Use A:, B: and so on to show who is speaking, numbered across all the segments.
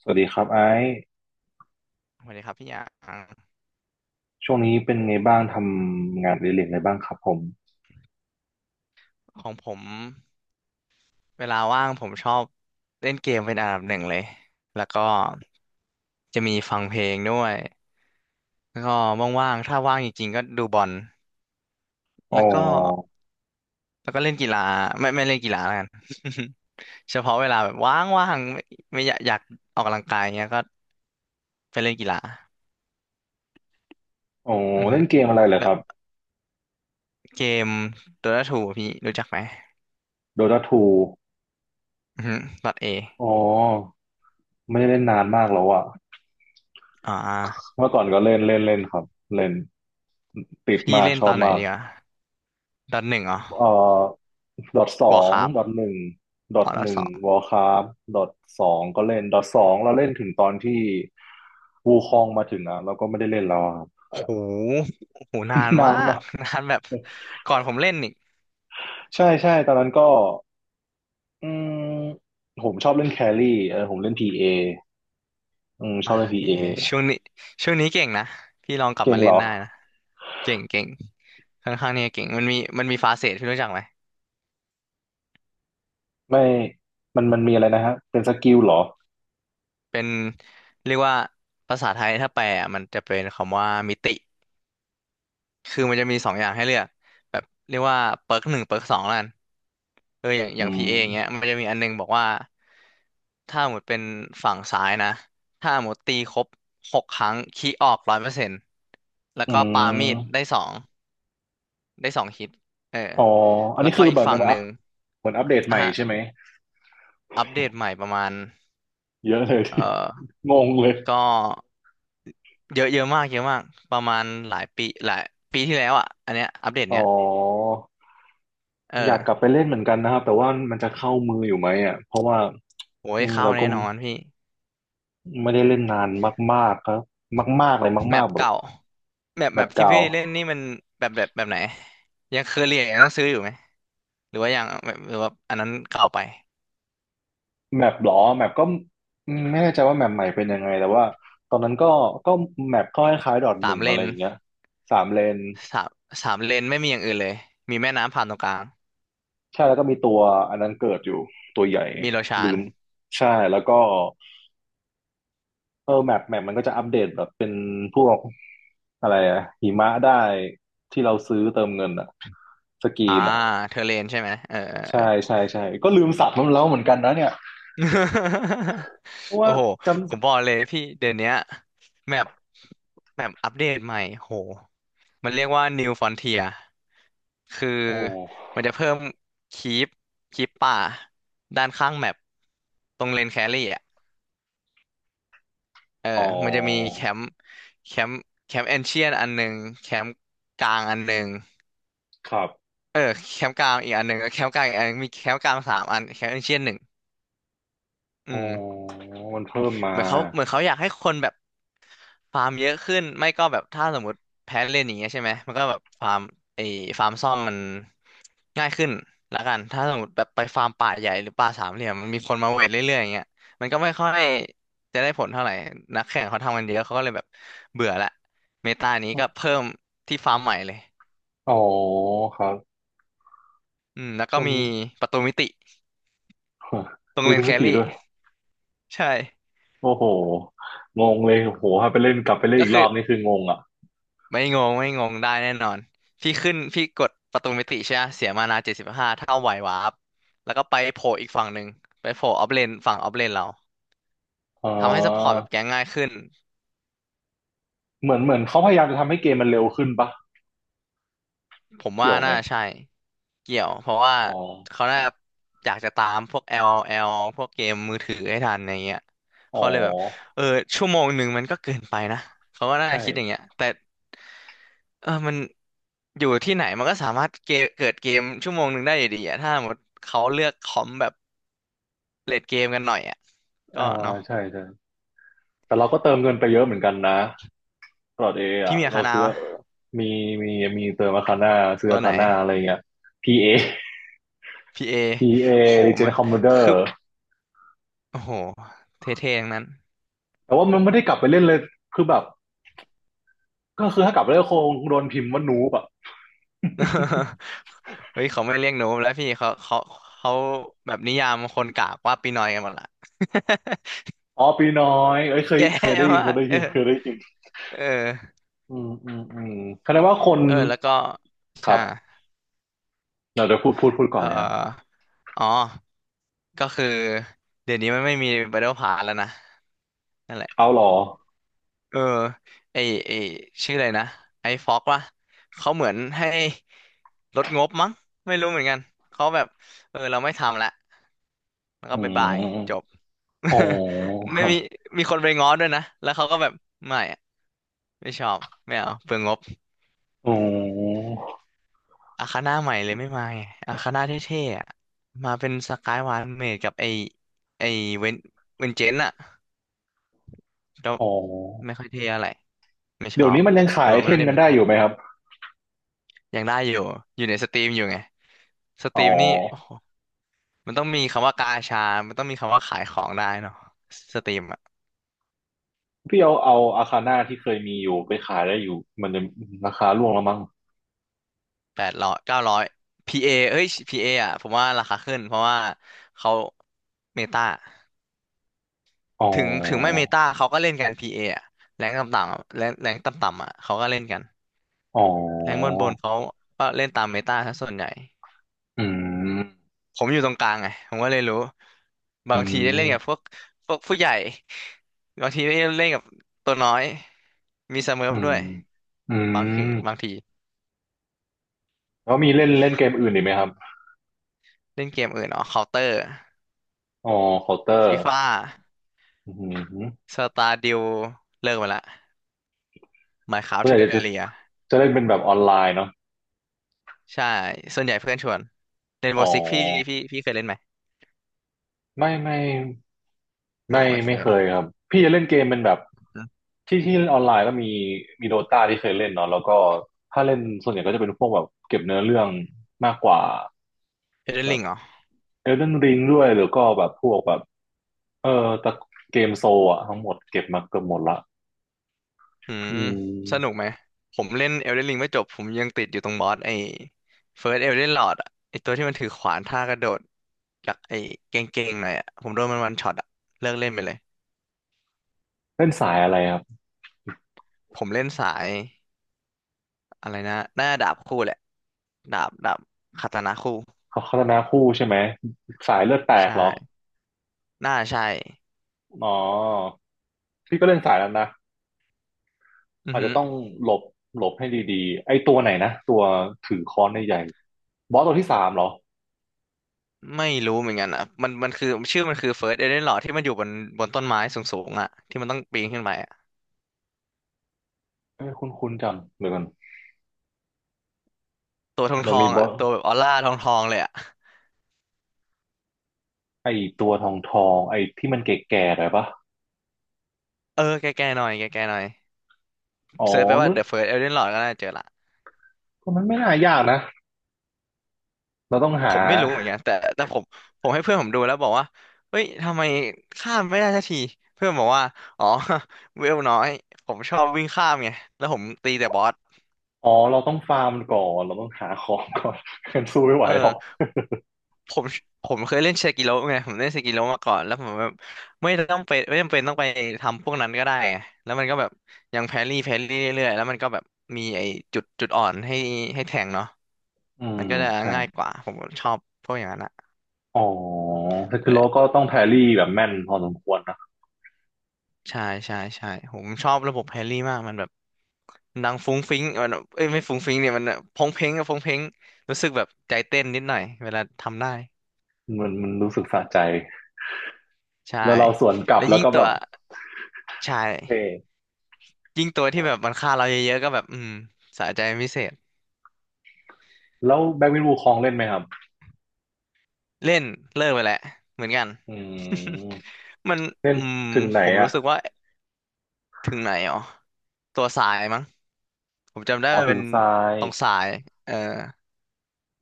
A: สวัสดีครับไอ้
B: สวัสดีครับพี่หยาง
A: ช่วงนี้เป็นไงบ้างทำงานอดิเรกอะไรบ้างครับผม
B: ของผมเวลาว่างผมชอบเล่นเกมเป็นอันดับหนึ่งเลยแล้วก็จะมีฟังเพลงด้วยแล้วก็ว่างๆถ้าว่างจริงๆก็ดูบอล
A: อ๋อ
B: แล้วก็แล้วก็เล่นกีฬาไม่เล่นกีฬาแล้วกัน เฉพาะเวลาแบบว่างๆไม่อยากออกกำลังกายเงี้ยก็ไปเล่นกีฬา
A: อ๋อ
B: อือฮึ
A: เล่นเกมอะไรเหรอ
B: แล้
A: ค
B: ว
A: รับ
B: เกมโดต้าทูพี่รู้จักไหม
A: Dota 2
B: อือฮึดอทเอ
A: อ๋อไม่ได้เล่นนานมากแล้วอะ
B: อ่า
A: เมื่อก่อนก็เล่นเล่นเล่นครับเล่นติด
B: พี่
A: มาก
B: เล่น
A: ช
B: ต
A: อ
B: อ
A: บ
B: นไหน
A: มา
B: ดี
A: ก
B: อ่ะดอทหนึ่งเหรอ
A: เอ่อ Dota ส
B: วอ
A: อ
B: ร์ค
A: ง
B: ราฟ
A: Dota หนึ่ง
B: อ๋อ
A: Dota
B: แล้ว
A: ห
B: ส
A: นึ่ง
B: อง
A: Warcraft Dota สองก็เล่น Dota สองเราเล่นถึงตอนที่วูคองมาถึงอะเราก็ไม่ได้เล่นแล้วอะครับ
B: โอ้โหโอ้โหนาน มา
A: นาน
B: ก
A: มาก
B: นานแบบก่อนผมเล่นอีก
A: ใช่ใช่ตอนนั้นก็ อืมผมชอบเล่นแครี่เออผมเล่นพีเออืมช
B: อ่า
A: อบเล่นพี
B: พี่
A: เอ
B: เอช่วงนี้ช่วงนี้เก่งนะ พี่ลองกลับ
A: เก่
B: มา
A: ง
B: เล่
A: เหร
B: น
A: อ
B: ได้นะ เก่งเก่งค่อนข้างเนี่ยเก่ง มันมีฟาเซทที่รู้จักไหม
A: ไม่มันมีอะไรนะฮะเป็นสกิลเหรอ
B: เป็นเรียกว่าภาษาไทยถ้าแปลอะมันจะเป็นคำว่ามิติ คือมันจะมีสองอย่างให้เลือกแบบเรียกว่าเปิร์กหนึ่งเปิร์กสองแล้วกันอย่าง
A: อื
B: พี
A: ม
B: เออย่างเงี้ยมันจะมีอันนึงบอกว่าถ้าหมดเป็นฝั่งซ้ายนะถ้าหมดตีครบ6 ครั้งคีออก100%แล้ว
A: อื
B: ก็ปามีด
A: ม
B: ได้สองฮิตเออ
A: อ๋อ อัน
B: แล้ว
A: นี้
B: ก็
A: คือ
B: อีก
A: แบบ
B: ฝั่
A: มื
B: ง
A: น
B: ห
A: อั
B: นึ่
A: พ
B: ง
A: เหมือนอัปเดตให
B: อ่ะ
A: ม่
B: ฮะ
A: ใช่ไหม
B: อัปเดตใหม่ประมาณ
A: เยอะเลย
B: เออ
A: งงเลย
B: ก็เยอะเยอะมากเยอะมากประมาณหลายปีหลายปีที่แล้วอ่ะอันเนี้ยอัปเดต
A: อ๋อ
B: เนี้ยเออ
A: อยากกลับไปเล่นเหมือนกันนะครับ แต่ว่ามันจะเข้ามืออยู่ไหมอ่ะเพราะว่า
B: โอ้ย
A: นี่
B: เข้า
A: เรา
B: แน่
A: ก็
B: นอนพี่
A: ไม่ได้เล่นนานมากๆครับ มากๆเลย
B: แม
A: มา
B: ป
A: กๆแบบ
B: เก่าแมป
A: แบ
B: แมป
A: บ
B: ที่
A: เก่า
B: พี่เล่นนี่มันแบบไหนยังเคยเรียนยังต้องซื้ออยู่ไหมหรือว่ายังแบบหรือว่าอันนั้นเก่าไป
A: แมปหรอแมปก็อืมไม่แน่ใจว่าแมปใหม่เป็นยังไงแต่ว่าตอนนั้นก็แมปก็คล้ายๆดอทห
B: สาม
A: นึ่ง
B: เล
A: อะไร
B: น
A: อย่างเงี้ยสามเลน
B: สามสามเลนไม่มีอย่างอื่นเลยมีแม่น้ำผ่านตรงกลาง
A: ใช่แล้วก็มีตัวอันนั้นเกิดอยู่ตัวใหญ่
B: มีโลชาน
A: ลืมใช่แล้วก็เออแมปแมปมันก็จะอัปเดตแบบเป็นพวกอะไรอะหิมะได้ที่เราซื้อเติมเงินอะสกี
B: อ่า
A: นอะ
B: เธอเลนใช่ไหมเออเอ
A: ใช่
B: อ
A: ใช่ใช่ก็ลืมสับมันแล้วเหมือนกันนะเนี่ย เพราะ
B: โอ้
A: ว่า
B: โห
A: จำ
B: ผมบอกเลยพี่เดี๋ยวเนี้ยแมปแมปอัปเดตใหม่โหมันเรียกว่า New Frontier คือ
A: โอ้
B: มันจะเพิ่มคีปคีปป่าด้านข้างแมปตรงเลนแครี่อ่ะเออ
A: อ๋อ
B: มันจะมีแคมป์แคมป์เอนเชียนอันหนึ่งแคมป์กลางอันหนึ่ง
A: ครับ
B: เออแคมป์กลางอีกอันหนึ่งแคมป์กลางอีกอันหนึ่งมีแคมป์กลาง3 อันแคมป์เอนเชียนหนึ่ง
A: อ๋
B: อื
A: อ
B: ม
A: มันเพิ่ม
B: เห
A: มา
B: มือนเขาเหมือนเขาอยากให้คนแบบฟาร์มเยอะขึ้นไม่ก็แบบถ้าสมมติแพ้เล่นอย่างเงี้ยใช่ไหมมันก็แบบฟาร์มไอ้ฟาร์มซ่อมมันง่ายขึ้นละกันถ้าสมมติแบบไปฟาร์มป่าใหญ่หรือป่าสามเหลี่ยมมันมีคนมาเวทเรื่อยๆอย่างเงี้ยมันก็ไม่ค่อยจะได้ผลเท่าไหร่นักแข่งเขาทำกันเยอะเขาก็เลยแบบเบื่อละเมตานี้ก็เพิ่มที่ฟาร์มใหม่เลย
A: อ๋อครับ
B: อืมแล้ว
A: ช
B: ก็มี
A: ม
B: ประตูมิติตรง
A: ยู
B: เลน
A: ทูบ
B: แค
A: มิติ
B: รี่
A: ด้วย
B: ใช่
A: โอ้โหงงเลยโอ้โหถ้าไปเล่นกลับไปเล่น
B: ก็
A: อีก
B: คื
A: ร
B: อ
A: อบนี่คืองงอ่ะ
B: ไม่งงไม่งงได้แน่นอนพี่ขึ้นพี่กดประตูมิติใช่ไหมเสียมานา75เท่าไหววาร์ปแล้วก็ไปโผล่อีกฝั่งหนึ่งไปโผล่ออฟเลนฝั่งออฟเลนเรา
A: เอ่า
B: ทำให้ซัพพอร์ตแบบแก๊งง่ายขึ้น
A: เหมือนเขาพยายามจะทำให้เกมมันเร็วขึ้นปะ
B: ผมว่า
A: เกี่ยวไหม
B: น่าใช่เกี่ยวเพราะว่า
A: อ๋อ
B: เขาน่าอยากจะตามพวก l อ l พวกเกมมือถือให้ทันอย่างเงี้ย
A: อ๋อ
B: เขาเลยแบบเออชั่วโมงหนึ่งมันก็เกินไปนะเขาก็น่า
A: ใช่
B: คิดอย่างเงี้ยแต่ มันอยู่ที่ไหนมันก็สามารถเกมเกิดเกมชั่วโมงหนึ่งได้อยู่ดีอะถ้าสมมติเขาเลือกคอมแบบเลดเกมกันหน่อยอ่ะ
A: อ่า
B: ก็เนาะ
A: ใช่ใช่แต่เราก็เติมเงินไปเยอะเหมือนกันนะตลอดเอ
B: พี่
A: อ่ะ
B: เมีย
A: เรา
B: คานา
A: ซื้อ
B: วะ
A: มีมีมีเติมอาคาน่าซื้อ
B: ตัว
A: อา
B: ไหน
A: คาน่าอะไรเงี้ย PA
B: พีเอ
A: PA
B: โห มน
A: Legend Commander
B: คือโอ้โหเท่ๆทั้งนั้น
A: แต่ว่ามันไม่ได้กลับไปเล่นเลยคือแบบก็คือถ้ากลับไปเล่นคงโดนพิมพ์ว่านูบอะ
B: เฮ้ยเขาไม่เรียกหนูแล้วพี่เขาแบบนิยามคนกากว่าปีนอยกันหมดละ
A: อ๋อปีน้อยเอ้ยเค ย
B: แย่
A: เคยได้ยิน
B: มา
A: เค
B: ก
A: ยได้
B: เออ
A: ยินเคยได้ยิน
B: เออ
A: อืมอืมอืมแสดงว่าคน
B: เออแล้วก็
A: ค
B: ใช่
A: รับ เราจะพูดก่อ
B: เอ่
A: น
B: อ
A: เลยครับ
B: อ๋อ ก็คือเดี๋ยวนี้มันไม่มี Battle Pass แล้วนะนั่นแหละ
A: เอาหรอ
B: เออไอไอชื่ออะไรนะไอฟ็อกวะเขาเหมือนให้ลดงบมั้งไม่รู้เหมือนกันเขาแบบเราไม่ทำละแล้วก็
A: อื
B: บายบายจบ
A: มอ๋อ ค
B: ไม่
A: รับ
B: มีมีคนไปง้อด้วยนะแล้วเขาก็แบบไม่อะไม่ชอบไม่เอาเปลืองงบ
A: อ๋อ
B: อาคาน่าใหม่เลยไม่มาไงอาคาน่าเท่ๆอะมาเป็นสกายวานเมดกับไอเวนเวนเจนอะ ก็
A: อ๋อ
B: ไม่ค่อยเท่อะไรไม่ช
A: เดี๋ยว
B: อบ
A: นี้มันยังขาย
B: ตัว
A: ไอ
B: ไม่
A: เทม
B: ได้
A: กั
B: เม
A: นได้
B: ตา
A: อยู่ไหมครับ
B: ยังได้อยู่อยู่ในสตรีมอยู่ไงสต
A: อ๋
B: รี
A: อ
B: มนี่โอ้โหมันต้องมีคำว่ากาชามันต้องมีคำว่าขายของได้เนาะสตรีมอ่ะ
A: พี่เอาอาคาน่าที่เคยมีอยู่ไปขายได้อยู่มันจะราคาร่วงแล้วมั้ง
B: 800-900พีเออ่ะผมว่าราคาขึ้นเพราะว่าเขาเมตา
A: อ๋อ
B: ถึงไม่เมตาเขาก็เล่นกันพีเออ่ะแรงต่ำๆอะแรงแรงต่ำๆอ่ะเขาก็เล่นกัน
A: อ๋
B: แรงบ
A: อ
B: นบนเขาก็เล่นตามเมตาซะส่วนใหญ่
A: อืม
B: ผมอยู่ตรงกลางไงผมก็เลยรู้บา
A: อื
B: งทีได้เล่นกับพ
A: ม
B: วกพวกผู้ใหญ่บางทีได้เล่นกับตัวน้อยมีสเมิร์ฟ
A: อื
B: ด้
A: ม
B: วย
A: อื
B: บางที
A: ม
B: บางที
A: แล้วมีเล่นเล่นเกมอื่นอีกไหมครับ
B: เล่นเกมอื่นอ๋อเคาน์เตอร์
A: อ๋อเคาน์เตอร์
B: ฟีฟ่า
A: อืม
B: สตาร์ดิวเลิกไปละไมน์คราฟ
A: เพือ
B: เทอ
A: ส่ากจะจะ
B: ร์เรีย
A: จะเล่นเป็นแบบออนไลน์เนาะ
B: ใช่ส่วนใหญ่เพื่อนชวนเล่นโบ
A: อ๋อ
B: สิกพี่พี่เคยเล่นไหม
A: ไม่ไม่
B: อ๋อ
A: ไม่
B: ไม่เค
A: ไม่
B: ย
A: เค
B: เนาะ
A: ยครับพี่จะเล่นเกมเป็นแบบที่เล่นออนไลน์ก็มีมีโดตาที่เคยเล่นเนาะแล้วก็ถ้าเล่นส่วนใหญ่ก็จะเป็นพวกแบบเก็บเนื้อเรื่องมากกว่า
B: เอเดน
A: แบ
B: ริง
A: บ
B: เหรอ
A: เอลเดนริงด้วยหรือก็แบบพวกแบบเออตะเกมโซลอะทั้งหมดเก็บมาเกือบหมดละ
B: อืม
A: อื
B: สนุกไห
A: ม
B: ม ผมเล่นเอลเดนริงไม่จบผมยังติดอยู่ตรงบอสไอ้เฟิร์สเอลเดนลอร์ดอะไอ้ตัวที่มันถือขวานท่ากระโดดจากไอ้เก่งๆหน่อยอะผมโดนมันวันช็อตอะเลิกเล่นไปเลย
A: เล่นสายอะไรครับ
B: ผมเล่นสายอะไรนะหน้าดาบคู่แหละดาบคาตานะคู่
A: เขาพัฒนาคู่ใช่ไหมสายเลือดแตก
B: ใช่
A: เหรอ
B: หน้าใช่
A: อ๋อพี่ก็เล่นสายนั้นนะ
B: อือ
A: อาจ
B: ฮึ
A: จะต้องหลบหลบให้ดีๆไอ้ตัวไหนนะตัวถือค้อนใหญ่ๆบอสตัวที่สามเหรอ
B: ไม่รู้เหมือนกันอ่ะมันคือชื่อมันคือเฟิร์สเอเดนลอรดที่มันอยู่บนบนต้นไม้สูงๆอะที่มันต้องปีนขึ้นไปอะ
A: เอ้ยคุ้นๆจำเดี๋ยวกัน
B: ตัวทองท
A: มัน
B: อ
A: มี
B: ง
A: บ
B: อะ
A: อส
B: ตัวแบบออร่าทองทองเลยอะ
A: ไอ้ตัวทองทองไอ้ที่มันแก่ๆหน่อยปะ
B: เออแก่ๆหน่อยแก่ๆหน่อย
A: อ๋อ
B: เซิร์ชไปว่า
A: นั่น
B: The First Elden Lord ก็น่าเจอละ
A: มันไม่น่ายากนะเราต้อง
B: ผ
A: หา
B: มไม่รู้เหมือนกันแต่ผมให้เพื่อนผมดูแล้วบอกว่าเฮ้ยทำไมข้ามไม่ได้สักทีเพื่อนบอกว่าอ๋อ เวลน้อยผมชอบวิ่งข้ามไงแล้วผมตีแต่บอส
A: อ๋อเราต้องฟาร์มก่อนเราต้องหาของก่อน กันสู้ไม่ไหว
B: เออ
A: หรอก
B: ผมผมเคยเล่นเซกิโร่ไงผมเล่นเซกิโร่มาก่อนแล้วผมแบบไม่ต้องไปไม่จำเป็นต้องไปทำพวกนั้นก็ได้ไงแล้วมันก็แบบยังแพรี่เรื่อยๆแล้วมันก็แบบมีไอ้จุดอ่อนให้ให้แทงเนาะ
A: อื
B: มั
A: ม
B: นก็จะ
A: ใช่
B: ง่ายกว่าผมชอบพวกอย่างนั้นอะ
A: อ๋อแต่คือเราก็ต้องแพรรี่แบบแม่นพอสมควรนะ
B: ใช่ใช่ใช่ผมชอบระบบแฮร์รี่มากมันแบบมันดังฟุ้งฟิ้งมันแบบเอ้ยไม่ฟุ้งฟิ้งเนี่ยมันแบบพงเพงอะพงเพงรู้สึกแบบใจเต้นนิดหน่อยเวลาทำได้
A: มันมันรู้สึกสะใจ
B: ใช่
A: แล้วเราสวนกลั
B: แล้
A: บ
B: ว
A: แล้
B: ยิ่
A: ว
B: ง
A: ก็
B: ตั
A: แบ
B: ว
A: บ
B: ใช่
A: เท่
B: ยิ่งตัวที่แบบมันฆ่าเราเยอะๆก็แบบอืมสะใจเป็นพิเศษ
A: แล้วแบ็กวินวูคองเล่นไหมครับ
B: เล่นเลิกไปแหละเหมือนกัน
A: อืม
B: มัน
A: เล่
B: อื
A: น
B: ม
A: ถึงไหน
B: ผมรู้
A: อ่ะ
B: สึกว่าถึงไหนอ๋อตัวสายมั้งผมจำได้
A: อ๋อ
B: มัน
A: ถึ
B: เป็น
A: งทราย
B: ตรงสายเออ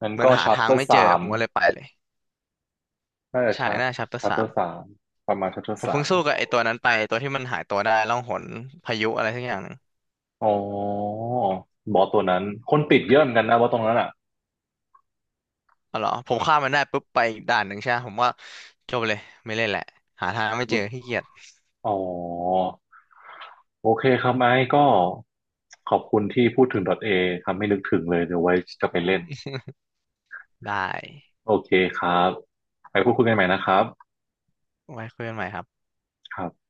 A: งั้น
B: เหมือน
A: ก็
B: หา
A: ชัป
B: ทา
A: เต
B: ง
A: อ
B: ไม่
A: ร์
B: เจอ
A: สาม
B: ผมก็เลยไปเลย
A: น่าจะ
B: ใช่
A: ชั
B: ห
A: ป
B: น้าชัปเตอร์
A: ชัปเตอร์สามประมาณชัปเตอ
B: ผ
A: ร์
B: ม
A: สา
B: เพิ่ง
A: ม
B: สู้กับไอ้ตัวนั้นไปตัวที่มันหายตัวได้ล่องหนพายุอะไรสักอย่างหนึ่ง
A: อ๋อบอสตัวนั้นคนติดเยอะเหมือนกันนะบอสตรงนั้นอ่ะ
B: อ๋อเหรอ ผมฆ่ามมันได้ปุ๊บไปอีกด่านหนึ่งใช่ไหมผมว่าจบเลยไม่เล่นแหละหาทางไม่เจอขี้เกียจ
A: อ๋อโอเคครับไอ้ก็ขอบคุณที่พูดถึง .A ทำให้นึกถึงเลยเดี๋ยวไว้จะไปเล่น
B: ได้
A: โอเคครับไปพูดคุยกันใหม่นะครับ
B: ไว้คุยกันใหม่ครับ
A: ครับ